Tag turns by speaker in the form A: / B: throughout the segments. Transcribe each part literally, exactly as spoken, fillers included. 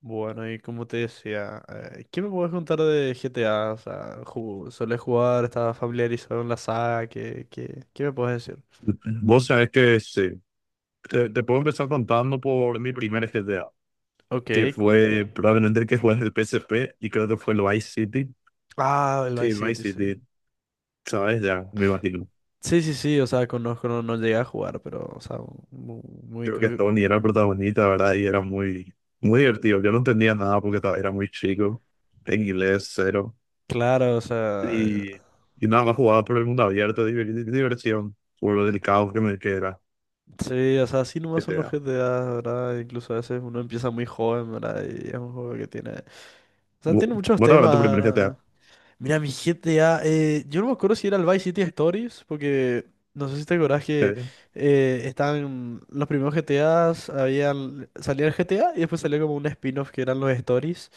A: Bueno, y como te decía, eh, ¿qué me puedes contar de G T A? O sea, ju- ¿solés jugar? ¿Estás familiarizado en la saga? ¿Qué, qué, qué me puedes decir?
B: Vos sabés que sí. Te, te puedo empezar contando por mi primer G T A, que
A: Ok. cu-
B: fue probablemente el que fue en el P S P y creo que fue el Vice City.
A: Ah, el
B: Sí,
A: Vice
B: el
A: City,
B: Vice
A: sí.
B: City, ¿sabes? Ya, me imagino.
A: Sí, sí, sí, o sea, conozco, no, no llegué a jugar, pero, o sea, mu- muy,
B: Creo que
A: cl-
B: Tony era el protagonista, ¿verdad? Y era muy, muy divertido. Yo no entendía nada porque estaba- era muy chico, en inglés cero.
A: claro, o sea,
B: Y, y nada más jugaba por el mundo abierto, diver- diversión, por lo delicado que me que era
A: sí, o sea, así nomás son los
B: G T A.
A: G T A, ¿verdad? Incluso a veces uno empieza muy joven, ¿verdad? Y es un juego que tiene, o sea,
B: ¿Vos
A: tiene muchos
B: vos te acuerdas tu
A: temas,
B: primer G T A?
A: ¿verdad? Mira, mi G T A, eh, yo no me acuerdo si era el Vice City Stories, porque no sé si te acordás que
B: Sí,
A: eh, estaban los primeros G T As, habían, salía el G T A y después salía como un spin-off que eran los Stories.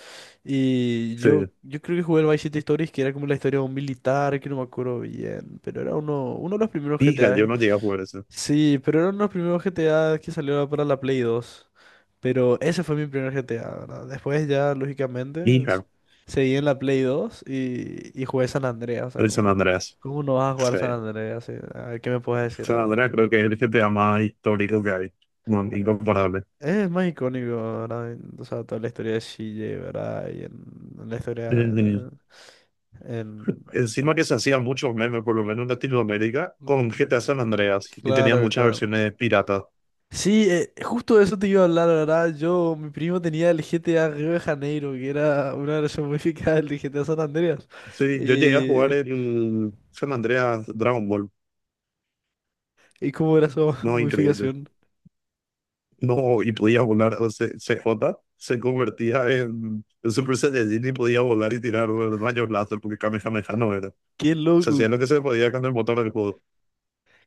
A: Y
B: sí.
A: yo, yo creo que jugué el Vice City Stories, que era como la historia de un militar, que no me acuerdo bien, pero era uno, uno de los primeros
B: Hija,
A: G T A.
B: yo no llegué a jugar eso.
A: Sí, pero eran los primeros G T A que salieron para la Play dos. Pero ese fue mi primer G T A, ¿verdad? Después ya, lógicamente, s-
B: Hija.
A: seguí en la Play dos y, y jugué San Andreas. O sea,
B: El San
A: como,
B: Andreas.
A: ¿cómo no vas a jugar
B: Sí.
A: San Andreas? Sí, a ver, ¿qué me puedes decir,
B: San
A: eh?
B: Andreas creo que es el G T A más histórico que hay. No, incomparable.
A: Eh, Es más icónico, ¿verdad? En- O sea, toda la historia de C J, ¿verdad? Y en, en la historia...
B: Eh,
A: En, en-
B: Encima que se hacían muchos memes, por lo menos en Latinoamérica, con G T A San Andreas. Y tenían
A: Claro,
B: muchas
A: claro.
B: versiones piratas.
A: Sí, eh, justo de eso te iba a hablar, la, ¿verdad? Yo, mi primo tenía el G T A Río de Janeiro, que era una versión modificada del G T A San Andreas.
B: Sí, yo llegué a jugar
A: Eh,
B: el San Andreas Dragon Ball.
A: ¿Y cómo era su
B: No, increíble.
A: modificación?
B: No, y podía volar. O sea, C J se convertía en, en Super Saiyajin y podía volar y tirar rayos láser porque Kamehameha no era.
A: ¡Qué
B: Se
A: loco!
B: hacía lo que se podía con el motor del juego.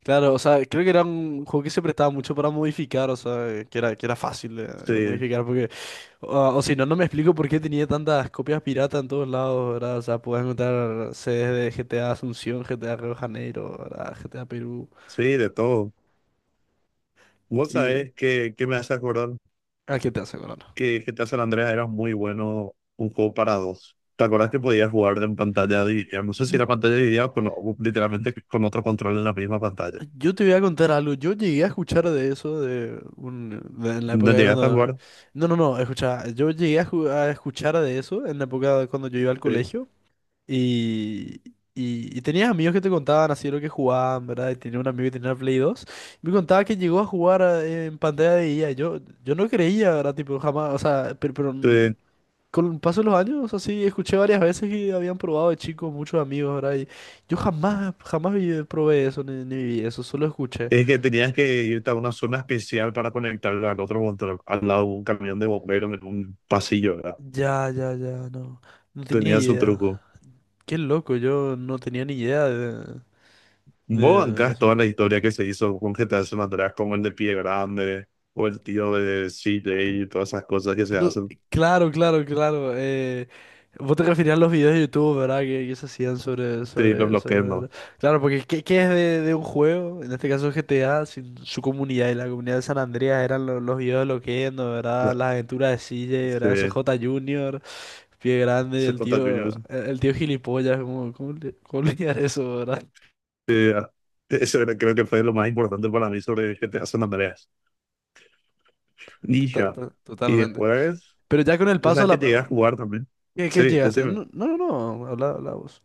A: Claro, o sea, creo que era un juego que se prestaba mucho para modificar, o sea, que era, que era fácil de, de
B: Sí,
A: modificar, porque ah, o si no, no me explico por qué tenía tantas copias piratas en todos lados, ¿verdad? O sea, podías encontrar sedes de G T A Asunción, G T A Río de Janeiro, ¿verdad? G T A Perú
B: sí, de todo. Vos
A: y...
B: sabés que, que me hace acordar
A: ¿A qué te hace, Corona?
B: que G T A San Andreas era muy bueno un juego para dos. ¿Te acordás que podías jugar en pantalla dividida? No sé si era pantalla dividida o con, o literalmente con otro control en la misma pantalla.
A: Yo te voy a contar algo. Yo llegué a escuchar de eso de un, de- en la
B: ¿No
A: época de
B: llegaste a
A: cuando...
B: jugar?
A: No, no, no, escucha. Yo llegué a, ju- a escuchar de eso en la época de cuando yo iba al
B: Sí.
A: colegio y, y, y tenías amigos que te contaban así lo que jugaban, ¿verdad? Y tenía un amigo que tenía el Play dos y me contaba que llegó a jugar a- en pantalla de I A. Yo, yo no creía, ¿verdad? Tipo, jamás, o sea, pero, pero
B: Sí.
A: con el paso de los años, así, escuché varias veces que habían probado de chicos muchos amigos, ¿verdad? Y yo jamás, jamás vi- probé eso, ni, ni viví eso, solo escuché.
B: Es que tenías que irte a una zona especial para conectarla al otro control, al lado de un camión de bomberos en un pasillo, ¿verdad?
A: Ya, ya, ya, no. No tenía
B: Tenía su
A: idea.
B: truco.
A: Qué loco, yo no tenía ni idea de,
B: Vos
A: de
B: bancás toda
A: eso.
B: la historia que se hizo con G T A San Andreas, como el de Pie Grande, o el tío de C J y todas esas cosas que se
A: Cl-
B: hacen.
A: Claro, claro, claro. Eh, vos te referías a los videos de YouTube, ¿verdad? Que, que se hacían sobre,
B: Sí, los
A: sobre,
B: bloqueé, no.
A: sobre- Claro, porque ¿qué, qué es de, de un juego? En este caso G GTA, sin su comunidad y la comunidad de San Andreas eran lo- los videos de Loquendo,
B: No,
A: ¿verdad? Las aventuras de C J, ¿verdad?
B: Se,
A: C J Junior, Pie Grande,
B: se
A: el
B: contra
A: tío,
B: Juniors.
A: el, el tío gilipollas. ¿Cómo, cómo, le- cómo le llaman eso, ¿verdad?
B: eh, eso era- creo que fue lo más importante para mí sobre G T A San Andreas.
A: Tota-
B: Ninja.
A: to-
B: Y
A: Totalmente.
B: después,
A: Pero ya con el
B: o
A: paso a
B: sea, que llegué
A: la...
B: a jugar también.
A: ¿Qué, qué
B: Sí,
A: llegaste?
B: decime,
A: No, no, no, habla, habla vos.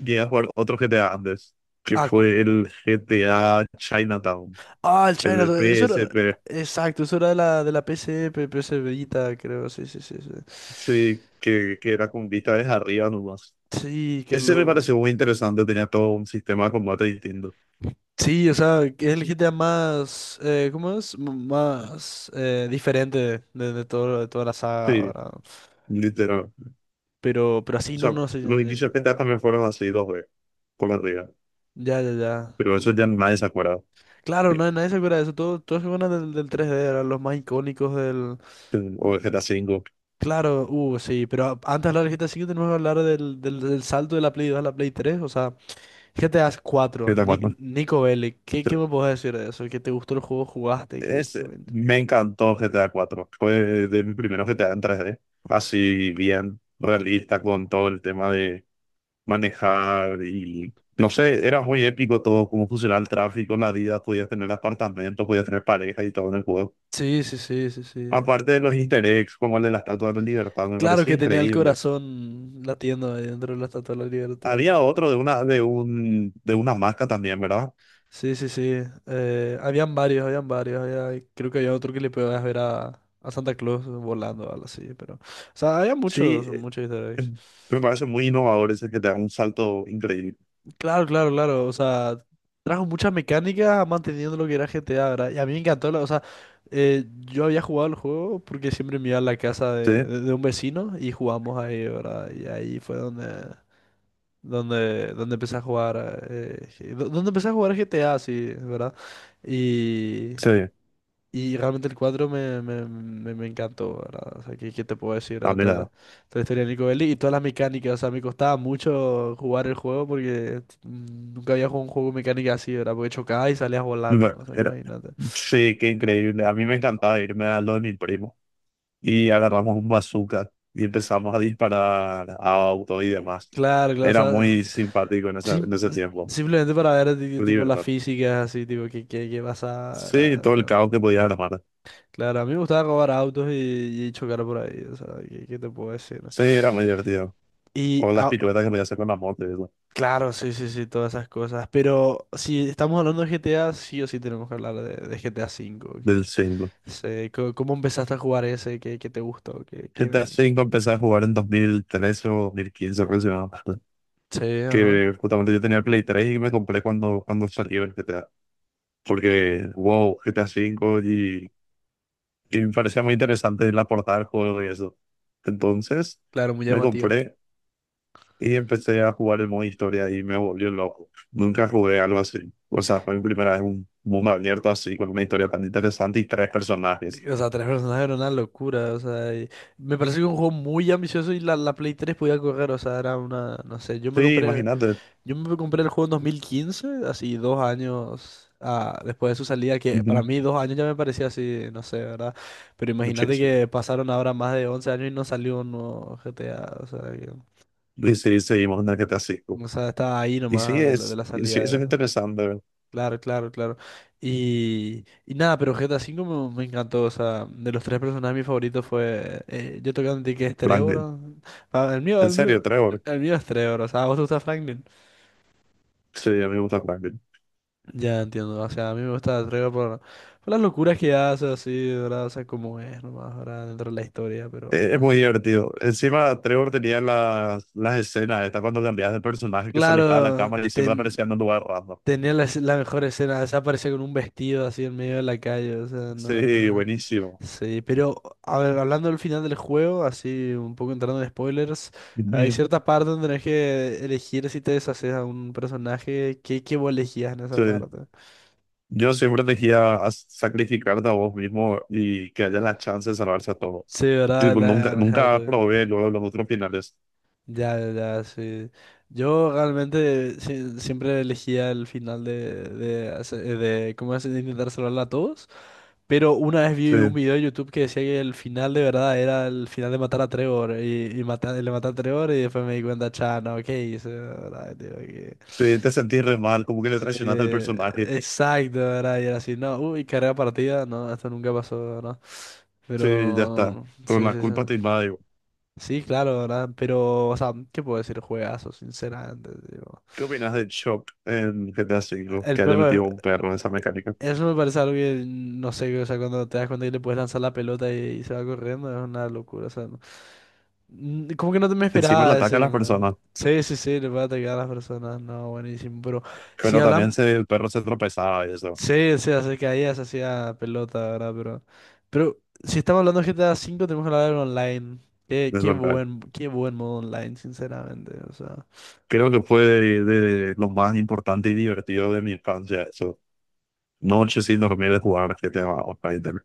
B: llegué a jugar otro G T A antes, que fue el G T A Chinatown,
A: Ah, el
B: el
A: China,
B: del
A: eso era.
B: P S P.
A: Exacto, eso era de la, de la P S P PS Vita, creo. Sí, sí, sí, sí.
B: Sí, que, que era con vista desde arriba nomás.
A: Sí, qué
B: Ese me
A: loco.
B: pareció muy interesante, tenía todo un sistema de combate distinto.
A: Sí, o sea, que es el G T A más. Eh, ¿cómo es? M- Más eh, diferente de, de, todo, de toda la saga,
B: Sí,
A: ¿verdad?
B: literal.
A: Pero, pero
B: O
A: así no,
B: sea,
A: no sé.
B: los inicios pentas también fueron así dos veces, por arriba.
A: Ya, ya, ya.
B: Pero eso ya nadie se acuerda.
A: Claro, no, nadie se acuerda de eso. Todos todos se acuerdan del, del tres d, eran los más icónicos del.
B: O el G T A cinco,
A: Claro, uh, sí, pero a- antes de hablar del G T A cinco tenemos que hablar del, del, del salto de la Play dos a la Play tres, o sea. ¿G T A cuatro?
B: G T A
A: Nic-
B: cuatro.
A: Nico Bellic, ¿qué, qué me puedes decir de eso? ¿Qué te gustó el juego, jugaste? ¿Qué,
B: Es,
A: qué...
B: me encantó G T A cuatro. Fue de mi primer G T A en tres d. Así bien realista con todo el tema de manejar y, no sé, era muy épico todo, cómo funcionaba el tráfico, la vida, podías tener apartamentos, podías tener pareja y todo en el juego.
A: Sí, sí, sí, sí, sí.
B: Aparte de los easter eggs, como el de la Estatua de la Libertad, me
A: Claro
B: parecía
A: que tenía el
B: increíble.
A: corazón latiendo ahí dentro de la Estatua de la Libertad.
B: Había otro de una, de un, de una marca también, ¿verdad?
A: Sí, sí, sí. Eh, habían varios, habían varios. Había- creo que había otro que le podías ver a, a Santa Claus volando o algo así, pero... O sea, había
B: Sí,
A: muchos,
B: eh,
A: muchos easter eggs.
B: me parece muy innovador ese que te da un salto increíble.
A: Claro, claro, claro. O sea, trajo muchas mecánicas manteniendo lo que era G T A, ¿verdad? Y a mí me encantó. La- o sea, eh, yo había jugado el juego porque siempre me iba a la casa
B: Sí,
A: de, de- de un vecino y jugamos ahí, ¿verdad? Y ahí fue donde, donde, donde empecé a jugar. Eh, G- do- donde empecé a jugar G T A, sí, ¿verdad? Y
B: sí,
A: y realmente el cuatro me, me, me, me encantó, ¿verdad? O sea, ¿qué, qué te puedo decir, ¿verdad?
B: también
A: Toda la,
B: era.
A: toda la historia de Nico Bellic y todas las mecánicas. O sea, me costaba mucho jugar el juego porque mm, nunca había jugado un juego con mecánica así, ¿verdad? Porque chocabas y salías volando,
B: Bueno,
A: o sea,
B: era-
A: imagínate.
B: Sí, qué increíble. A mí me encantaba irme a lo de mi primo y agarramos un bazooka y empezamos a disparar a autos y demás.
A: Claro, claro, o
B: Era
A: sea,
B: muy simpático en ese,
A: sim-
B: en ese tiempo.
A: simplemente para ver, ti- tipo, las
B: Libertad.
A: físicas así, tipo, qué, qué, qué pasa,
B: Sí,
A: ¿verdad?
B: todo el
A: ¿No?
B: caos que podía armar.
A: Claro, a mí me gustaba robar autos y, y chocar por ahí, o sea, ¿qué, qué te puedo decir, ¿no?
B: Sí, era muy divertido.
A: Y
B: O las
A: ah,
B: piruetas que podía hacer con la moto y eso,
A: claro, sí, sí, sí, todas esas cosas. Pero si estamos hablando de G T A, sí o sí tenemos que hablar de, de G T A cinco.
B: del
A: Que,
B: cinco.
A: sé, co- ¿cómo empezaste a jugar ese? ¿Qué, ¿qué te gustó? ¿Qué, qué
B: G T A
A: me-
B: cinco empecé a jugar en dos mil trece o dos mil quince aproximadamente.
A: Sí, ajá.
B: Que justamente yo tenía el Play tres y me compré cuando, cuando salió el G T A. Porque, wow, G T A cinco y, y me parecía muy interesante la portada del juego y eso. Entonces
A: Claro, muy
B: me
A: llamativo.
B: compré y empecé a jugar el modo historia y me volvió loco. Nunca jugué algo así. O sea, fue mi primera vez en un mundo abierto así, con una historia tan interesante y tres personajes.
A: O sea, tres personajes era una locura. O sea, y me parece que un juego muy ambicioso y la, la Play tres podía correr. O sea, era una, no sé, yo me
B: Sí,
A: compré.
B: imagínate.
A: Yo me compré el juego en dos mil quince, así dos años ah, después de su salida, que para
B: Ujú.
A: mí dos años ya me parecía así, no sé, ¿verdad? Pero imagínate
B: Muchísimo.
A: que pasaron ahora más de once años y no salió un nuevo G T A, o sea, que-
B: Y sí, seguimos en el G T A cinco.
A: o sea, estaba ahí
B: Y sí,
A: nomás de la, de
B: es,
A: la
B: y sí, es un
A: salida.
B: interesante.
A: Claro, claro, claro. Y, y nada, pero G T A cinco me, me encantó, o sea, de los tres personajes mi favorito fue, eh, yo tengo que admitir que es Trevor,
B: Franklin.
A: ¿no? Ah, el mío,
B: En
A: el
B: serio,
A: mío,
B: Trevor.
A: el mío es Trevor, o sea, ¿a vos te gusta Franklin?
B: Sí, a mí me gusta Franklin.
A: Ya entiendo, o sea, a mí me gusta la traigo por, por las locuras que hace, así, ¿verdad? O sea, como es nomás, ¿verdad? Dentro de la historia, pero,
B: Eh,
A: pero
B: Es muy
A: así.
B: divertido. Encima, Trevor tenía las, las escenas, está cuando cambiabas de personaje que se alejaba de la
A: Claro,
B: cámara y siempre
A: ten-
B: aparecía en un lugar raro.
A: tenía la, escena- la mejor escena, se aparece con un vestido así en medio de la calle, o sea,
B: Sí,
A: no...
B: buenísimo.
A: Sí, pero, a ver, hablando del final del juego, así, un poco entrando en spoilers, hay
B: Sí.
A: cierta parte donde tenés que elegir si te deshaces a un personaje. ¿Qué, qué vos elegías en esa parte?
B: Yo siempre elegía a sacrificarte a vos mismo y que haya la chance de salvarse a todo.
A: Sí, ¿verdad?
B: Tipo, nunca,
A: La...
B: nunca probé luego los otros finales.
A: Ya, ya, ya, sí. Yo realmente si- siempre elegía el final de, de, hace- de, ¿cómo es? De intentar salvarla a todos. Pero una vez vi un
B: Sí,
A: video de YouTube que decía que el final de verdad era el final de matar a Trevor. Y, y mata- le maté a Trevor y después me di cuenta, cha, no, ¿qué hice? ¿Verdad? Digo que...
B: sí, te sentís re mal, como que le
A: Sí,
B: traicionaste al personaje.
A: exacto, ¿verdad? Y era así, no, uy, carrera partida, no, esto nunca pasó, ¿no?
B: Sí, ya está.
A: Pero,
B: Pero
A: sí,
B: la
A: sí, sí.
B: culpa te invade.
A: Sí, claro, ¿verdad? Pero, o sea, ¿qué puedo decir? Juegazo, sinceramente, digo.
B: ¿Qué opinas de Shock en G T A cinco?
A: El
B: Que haya
A: perro,
B: metido un
A: es-
B: perro en esa mecánica.
A: eso me parece algo que, mm, no sé, o sea, cuando te das cuenta que le puedes lanzar la pelota y, y se va corriendo, es una locura, o sea, no... Mm, como que no te me
B: Encima le
A: esperaba
B: ataca a
A: ese,
B: las
A: ¿no?
B: personas,
A: Sí, sí, sí, le puede atacar a las personas, no, buenísimo, pero si
B: pero también
A: hablamos,
B: se, el perro se tropezaba y eso.
A: sí, sí, hace que ahí se hacía pelota, ¿verdad? Pero, pero si estamos hablando de G T A V, tenemos que hablar del online. Qué,
B: Es
A: qué
B: verdad.
A: buen, qué buen modo online, sinceramente, o sea.
B: Creo que fue de, de lo más importante y divertido de mi infancia, eso. Noche sin dormir de jugar G T A Online.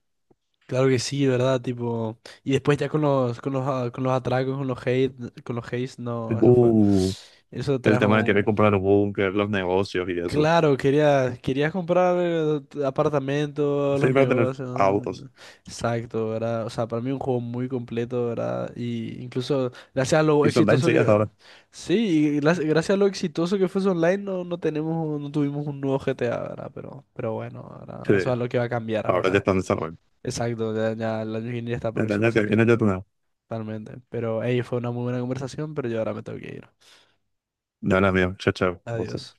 A: Claro que sí, ¿verdad? Tipo, y después ya con los, con los, a- con los atracos, con los hate, con los hates, no, eso fue,
B: Uh,
A: eso
B: el
A: trajo
B: tema de querer
A: un...
B: comprar un búnker, los negocios y eso.
A: Claro, querías, querías comprar eh, t- apartamentos, los
B: Siempre tener
A: negocios, ¿no?
B: autos.
A: Exacto, ¿verdad? O sea, para mí un juego muy completo, ¿verdad? Y incluso gracias a lo
B: Y son tan
A: exitoso
B: chidas
A: que,
B: ahora.
A: sí, y gra- gracias a lo exitoso que fue su online, no, no tenemos, un- no tuvimos un nuevo G T A, ¿verdad? Pero, pero bueno, ¿verdad?
B: Sí,
A: Eso es lo que va a cambiar
B: ahora ya
A: ahora.
B: están desarrollando.
A: Exacto, ya, ya el año que viene ya está
B: El
A: próximo a
B: año que
A: salir,
B: viene
A: ¿no?
B: ya tenemos.
A: Totalmente. Pero, hey, fue una muy buena conversación, pero yo ahora me tengo que ir.
B: No, no, mío. Chao, chao.
A: Adiós.
B: Vos